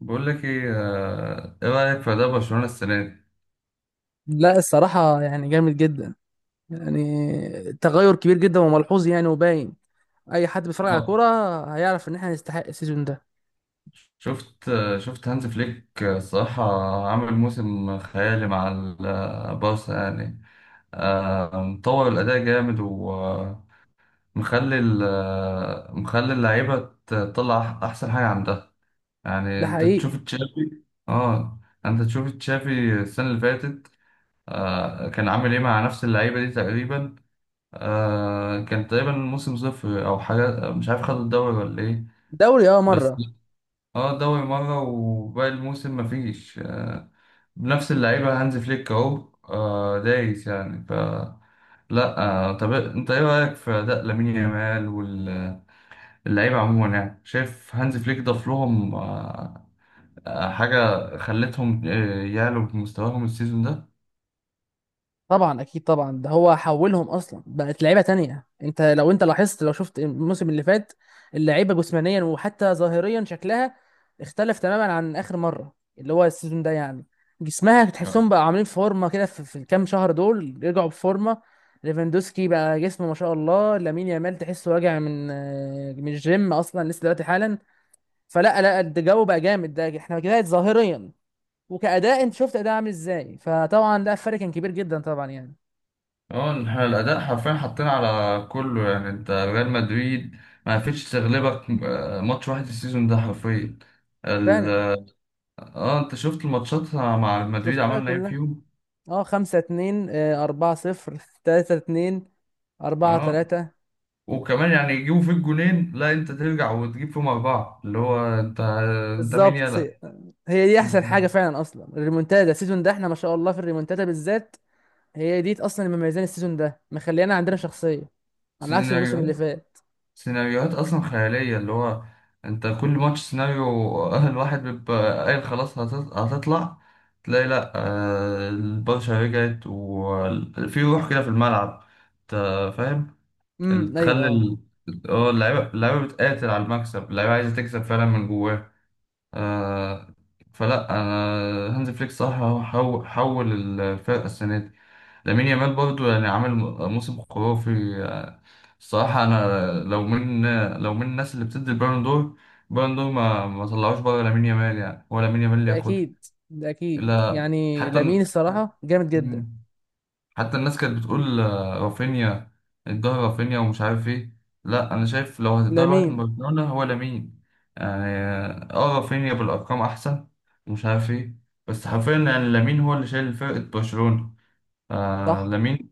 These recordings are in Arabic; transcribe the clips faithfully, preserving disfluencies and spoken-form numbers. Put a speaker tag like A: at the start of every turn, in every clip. A: بقول لك ايه، آه، ايه رايك في اداء برشلونه السنه دي؟
B: لا، الصراحة يعني جامد جدا. يعني تغير كبير جدا وملحوظ، يعني وباين. أي حد بيتفرج على
A: اه.
B: كورة هيعرف إن إحنا نستحق السيزون ده.
A: شفت آه، شفت هانز فليك، آه، الصراحه عامل موسم خيالي مع البارسا يعني. آه، مطور الاداء جامد ومخلي، مخلي اللعيبه تطلع أح- احسن حاجه عندها. يعني
B: ده
A: انت
B: حقيقي.
A: تشوف تشافي. اه. انت تشوف تشافي السنه اللي فاتت، آه، كان عامل ايه مع نفس اللعيبه دي تقريبا؟ آه كان تقريبا الموسم صفر او حاجه، مش عارف، خدوا الدوري ولا ايه؟
B: دوري أه
A: بس
B: مرة.
A: اه، دوري مره وباقي الموسم مفيش. آه بنفس اللعيبه. هانز فليك اهو، آه دايس يعني. ف لا. آه طب انت ايه رايك في اداء لامين يامال واللعيبه عموما؟ يعني شايف هانز فليك ضاف لهم، آه آه، حاجه خلتهم، آه، يعلوا بمستواهم السيزون ده.
B: طبعا، اكيد طبعا، ده هو حولهم اصلا، بقت لعيبه تانية. انت لو انت لاحظت، لو شفت الموسم اللي فات، اللعيبه جسمانيا وحتى ظاهريا شكلها اختلف تماما عن اخر مره. اللي هو السيزون ده يعني جسمها تحسهم بقى عاملين فورمه كده، في, في الكام شهر دول رجعوا بفورمه. ليفاندوسكي بقى جسمه ما شاء الله. لامين يامال تحسه راجع من آه، من الجيم اصلا، لسه دلوقتي حالا. فلا لا، الجو بقى جامد. ده احنا كده ظاهريا وكأداء، انت شفت أداء عامل ازاي. فطبعا ده فرق كان كبير جدا طبعا يعني.
A: اه، إن إحنا الأداء حرفيا حاطين على كله. يعني انت ريال مدريد ما عرفتش تغلبك آه، ماتش واحد السيزون ده حرفيا. ال...
B: فعلا.
A: اه آه، انت شفت الماتشات مع مدريد؟
B: شفتها
A: عملنا ايه
B: كلها.
A: فيهم.
B: اه، خمسة اتنين، آه، أربعة صفر تلاتة اتنين، أربعة
A: اه،
B: تلاتة
A: وكمان يعني يجيبوا فيك جونين، لا انت ترجع وتجيب فيهم أربعة، اللي هو انت. انت مين
B: بالظبط.
A: يلا؟
B: هي دي أحسن
A: انت
B: حاجة فعلا. أصلا الريمونتادا السيزون ده، احنا ما شاء الله في الريمونتادا بالذات. هي دي أصلا اللي مميزاني السيزون ده، مخليانا عندنا شخصية على عكس الموسم اللي
A: السيزون،
B: فات.
A: سيناريوهات اصلا خياليه، اللي هو انت كل ماتش سيناريو. اهل واحد بيبقى قايل خلاص هتط- هتطلع، تلاقي لا، آه، البرشا رجعت وفي روح كده في الملعب، انت فاهم. ال-
B: امم أيوه،
A: تخلي
B: اه.
A: ال- اه اللعيبه اللعيبه بتقاتل على المكسب، اللعيبه عايزه تكسب فعلا من جواها. آه، فلا انا، هانز فليك صح، هو حو- حول الفرقه السنه دي. لامين يامال برضو يعني عامل موسم خرافي. آه، الصراحة أنا لو من لو من الناس اللي بتدي البالون دور، البالون دور ما ما طلعوش بره لامين يامال. يعني هو لامين يامال اللي
B: ده
A: ياخدها.
B: أكيد، ده أكيد.
A: لا
B: يعني
A: حتى.
B: لامين الصراحة جامد جدا.
A: مم. حتى الناس كانت بتقول، آه، رافينيا الظهر، رافينيا ومش عارف ايه. لا أنا شايف، لو هتديها لواحد من
B: لامين.
A: برشلونة هو لامين. يعني اه آه، رافينيا بالأرقام أحسن، ومش عارف ايه، بس حرفيا يعني لامين هو اللي شايل فرقة برشلونة. آه
B: صح.
A: لامين.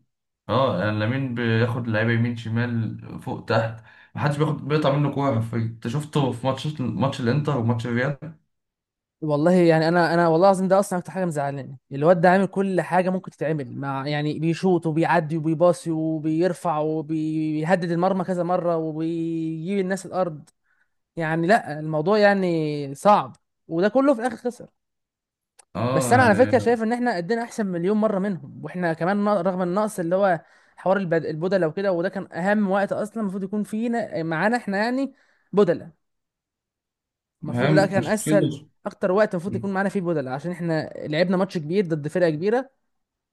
A: اه، يعني لامين بياخد لعيبه يمين شمال فوق تحت، محدش بياخد، بيقطع منه كوره حرفيا. انت شفته في ماتش ماتش الانتر وماتش الريال.
B: والله يعني انا انا والله العظيم ده اصلا اكتر حاجه مزعلاني. الواد ده عامل كل حاجه ممكن تتعمل، مع يعني بيشوط وبيعدي وبيباصي وبيرفع وبيهدد المرمى كذا مره وبيجيب الناس الارض. يعني لا، الموضوع يعني صعب. وده كله في الاخر خسر. بس
A: اه
B: انا على فكره
A: يعني
B: شايف ان احنا قدنا احسن مليون مره منهم، واحنا كمان، ن- رغم النقص اللي هو حوار البد- البدله وكده. وده كان اهم وقت اصلا المفروض يكون فينا، معانا احنا يعني بدله.
A: ما هي
B: المفروض ده كان
A: مشكله
B: اسهل،
A: برش-
B: اكتر وقت المفروض يكون معانا فيه بدلة، عشان احنا لعبنا ماتش كبير ضد فرقه كبيره.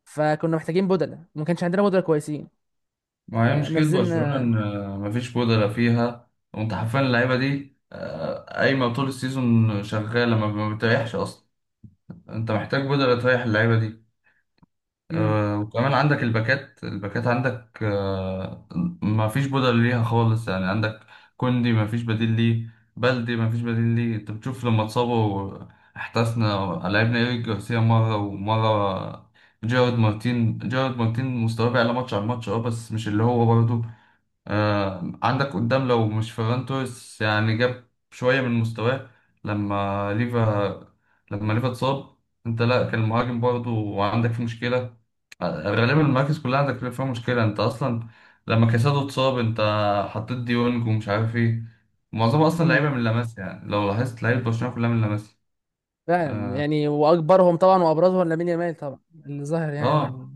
B: فكنا محتاجين بدلة وما كانش عندنا بدلة كويسين،
A: ما هي مشكله برشلونه،
B: فنزلنا.
A: ان مفيش بودره فيها. وانت حرفيا اللعيبه دي آه، قايمه طول السيزون شغاله، ما ما بتريحش اصلا. انت محتاج بودره تريح اللعيبه دي.
B: امم.
A: آه، وكمان عندك الباكات الباكات عندك آه، ما فيش بدل ليها خالص. يعني عندك كوندي ما فيش بديل ليه، بلدي ما فيش بديل ليه. انت بتشوف لما اتصابوا احتسنا، لعبنا ايريك جارسيا مرة ومرة، جارد مارتين جارد مارتين مستواه بيعلى ماتش عن ماتش، اه، بس مش اللي هو برضه. آه، عندك قدام لو مش فيران توريس، يعني جاب شوية من مستواه. لما ليفا لما ليفا اتصاب انت، لا كان المهاجم برضه عندك فيه مشكلة. آه، غالبا المراكز كلها عندك فيها مشكلة انت اصلا. لما كاسادو اتصاب انت حطيت ديونج ومش عارف ايه. معظمها اصلا
B: امم.
A: لعيبة من لاماسيا، يعني لو لاحظت لعيبة برشلونة كلها من لاماسيا.
B: فعلا، يعني واكبرهم طبعا وابرزهم لامين يامال طبعا، اللي ظاهر يعني هو
A: اه،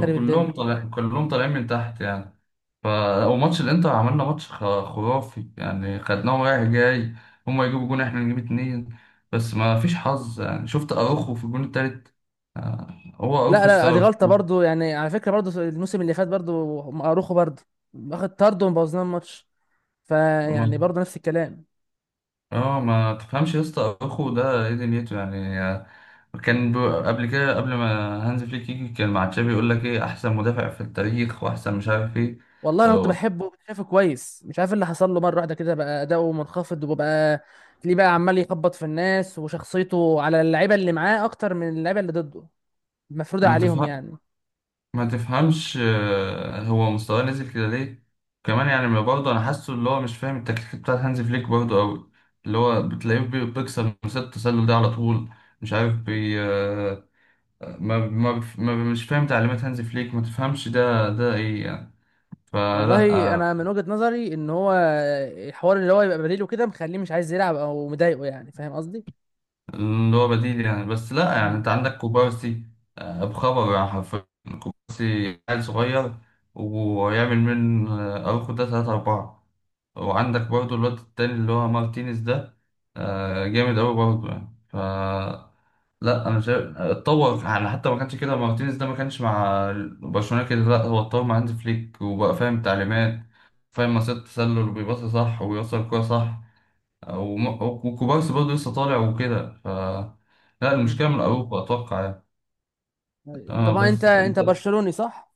B: خارب
A: كلهم
B: الدنيا.
A: طالع كلهم طالعين من تحت يعني. ف. وماتش الانتر عملنا ماتش خ- خرافي، يعني خدناهم رايح جاي، هما يجيبوا جون احنا نجيب اتنين. بس ما فيش حظ، يعني شفت اروخو في الجون التالت. آه، هو اروخو
B: لا لا، دي
A: السبب.
B: غلطه برضو. يعني على فكره برضو، الموسم اللي فات برضو، اروخو برضو اخد طرد وبوظنا الماتش. فيعني
A: ما-
B: برضو نفس الكلام.
A: اه ما تفهمش يا اسطى، اخو ده ايه دنيته يعني. آه، كان ب- قبل كده، قبل ما هانز فليك يجي، كان مع تشافي يقول لك ايه، احسن مدافع في التاريخ، واحسن مش عارف ايه.
B: والله انا كنت
A: آه،
B: بحبه وكنت شايفه كويس. مش عارف إيه اللي حصل له مره واحده كده، بقى اداؤه منخفض وبقى ليه بقى عمال يخبط في الناس. وشخصيته على اللعيبه اللي معاه اكتر من اللعيبه اللي ضده، مفروضه
A: ما
B: عليهم
A: تفهم
B: يعني.
A: ما تفهمش آه، هو مستواه نزل كده ليه؟ كمان يعني، ما برضه انا حاسه اللي هو مش فاهم التكتيك بتاع هانز فليك برضه قوي. اللي هو بتلاقيه بي- بيكسر من ست التسلل ده على طول. مش عارف بي آه، ما ما بف- ما مش فاهم تعليمات هانز فليك. ما تفهمش ده ده ايه يعني؟ فلا،
B: والله
A: آه،
B: انا من وجهه نظري ان هو الحوار اللي هو يبقى بديله كده، مخليه مش عايز يلعب، او مضايقه، يعني فاهم قصدي.
A: اللي هو بديل يعني. بس لا، يعني
B: امم.
A: انت عندك كوبارسي، آه، بخبر يعني حرفيا. كوبارسي عيل صغير، ويعمل من، آه، اروخو ده تلاتة أربعة. وعندك برضو الواد التاني اللي هو مارتينيز ده، آه، جامد أوي برضو يعني. ف لا، أنا شايف اتطور، يعني حتى ما كانش كده، مارتينيز ده ما كانش مع برشلونة كده. لا، هو اتطور مع هانز فليك وبقى فاهم تعليمات، فاهم مصيدة التسلل وبيباصي صح ويوصل الكورة صح. وم- وكوبارسي برضه لسه طالع وكده. ف لا،
B: امم.
A: المشكلة من أوروبا أتوقع يعني. اه،
B: طبعا انت
A: بس
B: انت
A: أنت.
B: برشلوني صح؟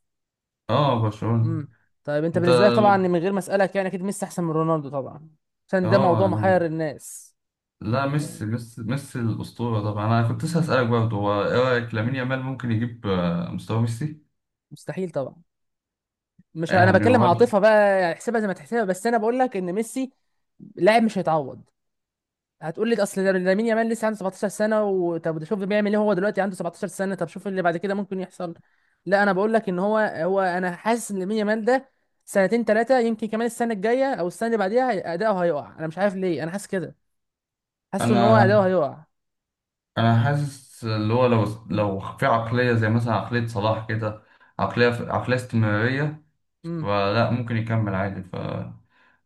A: اه، برشلونة.
B: امم. طيب انت
A: أنت.
B: بالنسبه لك طبعا، من غير ما اسالك يعني، اكيد ميسي احسن من رونالدو طبعا، عشان ده
A: اه
B: موضوع محير
A: يعني،
B: الناس.
A: لا
B: يعني.
A: ميسي ميسي ميسي الأسطورة طبعا. أنا كنت لسه هسألك برضه، هو إيه رأيك، لامين
B: مم.
A: يامال ممكن يجيب آه، مستوى ميسي؟
B: مستحيل طبعا. مش انا
A: يعني
B: بكلم
A: ولا؟
B: عاطفه بقى، يعني احسبها زي ما تحسبها، بس انا بقول لك ان ميسي لاعب مش هيتعوض. هتقول لي اصل ده لامين يامال لسه عنده سبعتاشر سنه، وطب شوف بيعمل ايه، هو دلوقتي عنده سبعتاشر سنه، طب شوف اللي بعد كده ممكن يحصل. لا، انا بقول لك ان هو هو انا حاسس ان لامين يامال ده سنتين ثلاثه، يمكن كمان السنه الجايه او السنه اللي بعديها، هي- اداؤه هيقع. انا مش عارف ليه انا حاسس كده. حاسس ان هو اداؤه
A: أنا
B: هيقع.
A: أنا حاسس اللي هو لو لو في عقلية زي مثلا عقلية صلاح كده، عقلية عقلية استمرارية.
B: امم.
A: فلا ممكن يكمل عادي. ف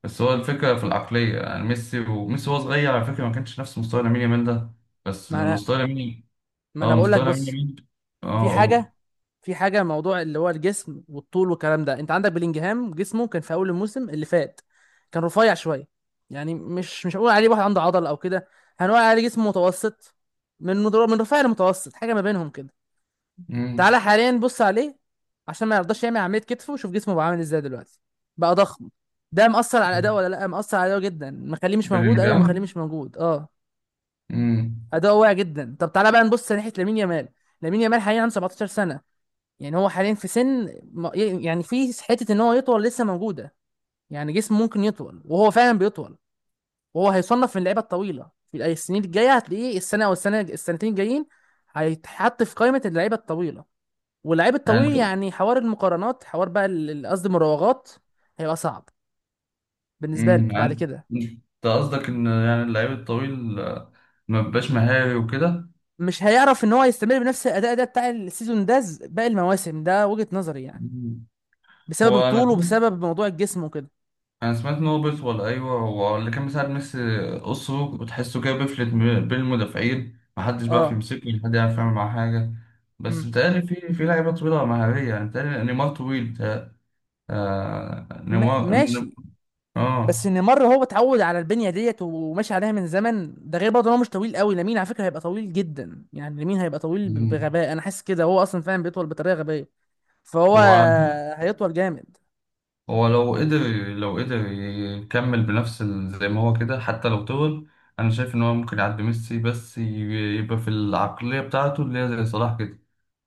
A: بس هو الفكرة في العقلية، يعني ميسي، وميسي وهو صغير على فكرة ما كانش نفس مستوى لامين يامال ده. بس
B: ما انا
A: المستوى لامين.
B: ما انا
A: اه،
B: بقول لك
A: مستوى لامين
B: بص.
A: يامال.
B: في
A: اه، قول.
B: حاجه في حاجه موضوع اللي هو الجسم والطول والكلام ده. انت عندك بلينجهام جسمه كان في اول الموسم اللي فات كان رفيع شويه. يعني مش مش هقول عليه واحد عنده عضل او كده، هنقول عليه جسم متوسط. من من رفيع لمتوسط، حاجه ما بينهم كده.
A: مم.
B: تعالى حاليا بص عليه، عشان ما يرضاش يعمل عمليه كتفه، وشوف جسمه بقى عامل ازاي دلوقتي. بقى ضخم. ده مأثر على اداؤه ولا لا؟ مأثر على اداؤه جدا، مخليه مش موجود. ايوه، مخليه
A: بلينجهام.
B: مش موجود، اه.
A: امم.
B: اداؤه واقع جدا. طب تعالى بقى نبص ناحيه لامين يامال. لامين يامال حاليا عنده سبعة عشر سنه، يعني هو حاليا في سن، ما- يعني في حته ان هو يطول لسه موجوده. يعني جسمه ممكن يطول، وهو فعلا بيطول. وهو هيصنف من اللعيبه الطويله في السنين الجايه، هتلاقيه السنه او السنه السنتين الجايين هيتحط في قائمه اللعيبه الطويله. واللعيب
A: يعني
B: الطويل
A: انت.
B: يعني حوار المقارنات، حوار بقى ال- ال- قصدي المراوغات هيبقى صعب بالنسبه له
A: امم
B: بعد
A: يعني
B: كده.
A: انت قصدك ان يعني اللعيب الطويل آه، ما بيبقاش مهاري وكده.
B: مش هيعرف ان هو يستمر بنفس الاداء ده بتاع السيزون ده، ز- باقي المواسم. ده وجهه نظري يعني،
A: مم.
B: بسبب
A: هو
B: الطول
A: انا.
B: وبسبب موضوع الجسم وكده.
A: انا سمعت ان هو بيطول، ايوه. هو اللي كان مساعد ميسي قصه، وتحسه كده بيفلت م- بين المدافعين، محدش بيعرف
B: اه.
A: يمسكه ولا حد يعرف يعمل معاه حاجه. بس
B: مم.
A: بيتهيألي في في لعيبه طويله مهاريه. يعني بيتهيألي نيمار طويل، بيتهيألي- آه
B: ما-
A: نيمار ن-
B: ماشي. بس
A: اه.
B: نيمار هو اتعود على البنيه ديت وماشي عليها من زمن. ده غير برضه إن هو مش طويل قوي. لامين على فكره هيبقى طويل جدا. يعني لامين هيبقى طويل ب-
A: مم.
B: بغباء. انا حاسس كده، هو اصلا فعلا بيطول بطريقه غبيه. فهو
A: هو.
B: هيطول جامد.
A: هو لو قدر، لو قدر يكمل بنفس ال-، زي ما هو كده حتى لو طول، انا شايف ان هو ممكن يعدي ميسي. بس ي- يبقى في العقلية بتاعته، اللي هي زي صلاح كده،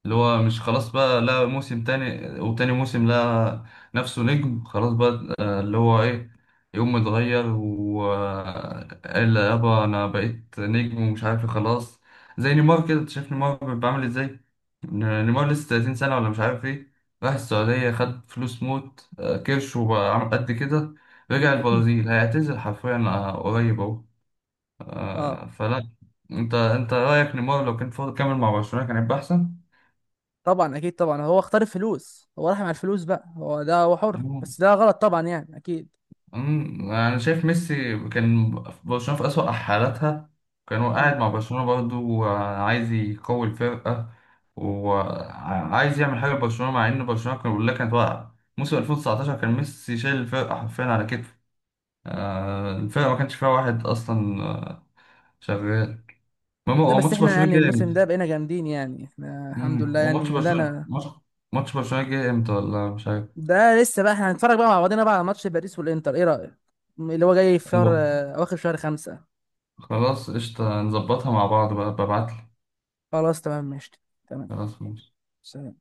A: اللي هو مش خلاص بقى. لا موسم تاني وتاني موسم، لا. نفسه نجم خلاص بقى، آه، اللي هو ايه، يقوم متغير وقال يابا انا بقيت نجم ومش عارف إيه خلاص. زي نيمار كده، انت شايف نيمار بعمل ازاي. ن- نيمار لسه تلاتين سنة، ولا مش عارف ايه. راح السعودية، خد فلوس، موت، آه، كرش، وبقى عامل قد كده. رجع
B: امم.
A: البرازيل، هيعتزل حرفيا، آه، قريب اهو.
B: اه،
A: آه، فلا انت انت رأيك نيمار لو كان فاضل كامل مع برشلونة كان هيبقى
B: طبعا اكيد طبعا، هو اختار الفلوس. هو راح مع الفلوس بقى، هو ده، هو حر،
A: احسن؟
B: بس ده غلط طبعا يعني، اكيد.
A: أمم، انا شايف ميسي كان في برشلونه في اسوأ حالاتها، كان هو قاعد
B: امم.
A: مع برشلونه برضه، وعايز يقوي الفرقه وعايز يعمل حاجه لبرشلونه، مع ان برشلونه كان كلها كانت واقعه. موسم ألفين وتسعتاشر كان ميسي شايل الفرقه حرفيا على كتفه. آه، الفرقه ما كانش فيها واحد اصلا آه، شغال. المهم،
B: ده
A: هو
B: بس
A: ماتش
B: احنا
A: برشلونه
B: يعني
A: جه
B: الموسم
A: امتى؟
B: ده بقينا جامدين، يعني احنا الحمد
A: أمم،
B: لله
A: هو ماتش
B: يعني، ده
A: برشلونه،
B: انا.
A: ماتش ماتش برشلونه جه امتى ولا مش عارف؟
B: ده لسه بقى، احنا هنتفرج بقى مع بعضنا بقى على ماتش باريس والانتر، ايه رايك؟ اللي هو جاي في شهر
A: هو-
B: آه، اواخر شهر خمسة.
A: خلاص قشطه، نظبطها مع بعض بقى، ببعتلي.
B: خلاص تمام ماشي. تمام.
A: خلاص ماشي.
B: سلام.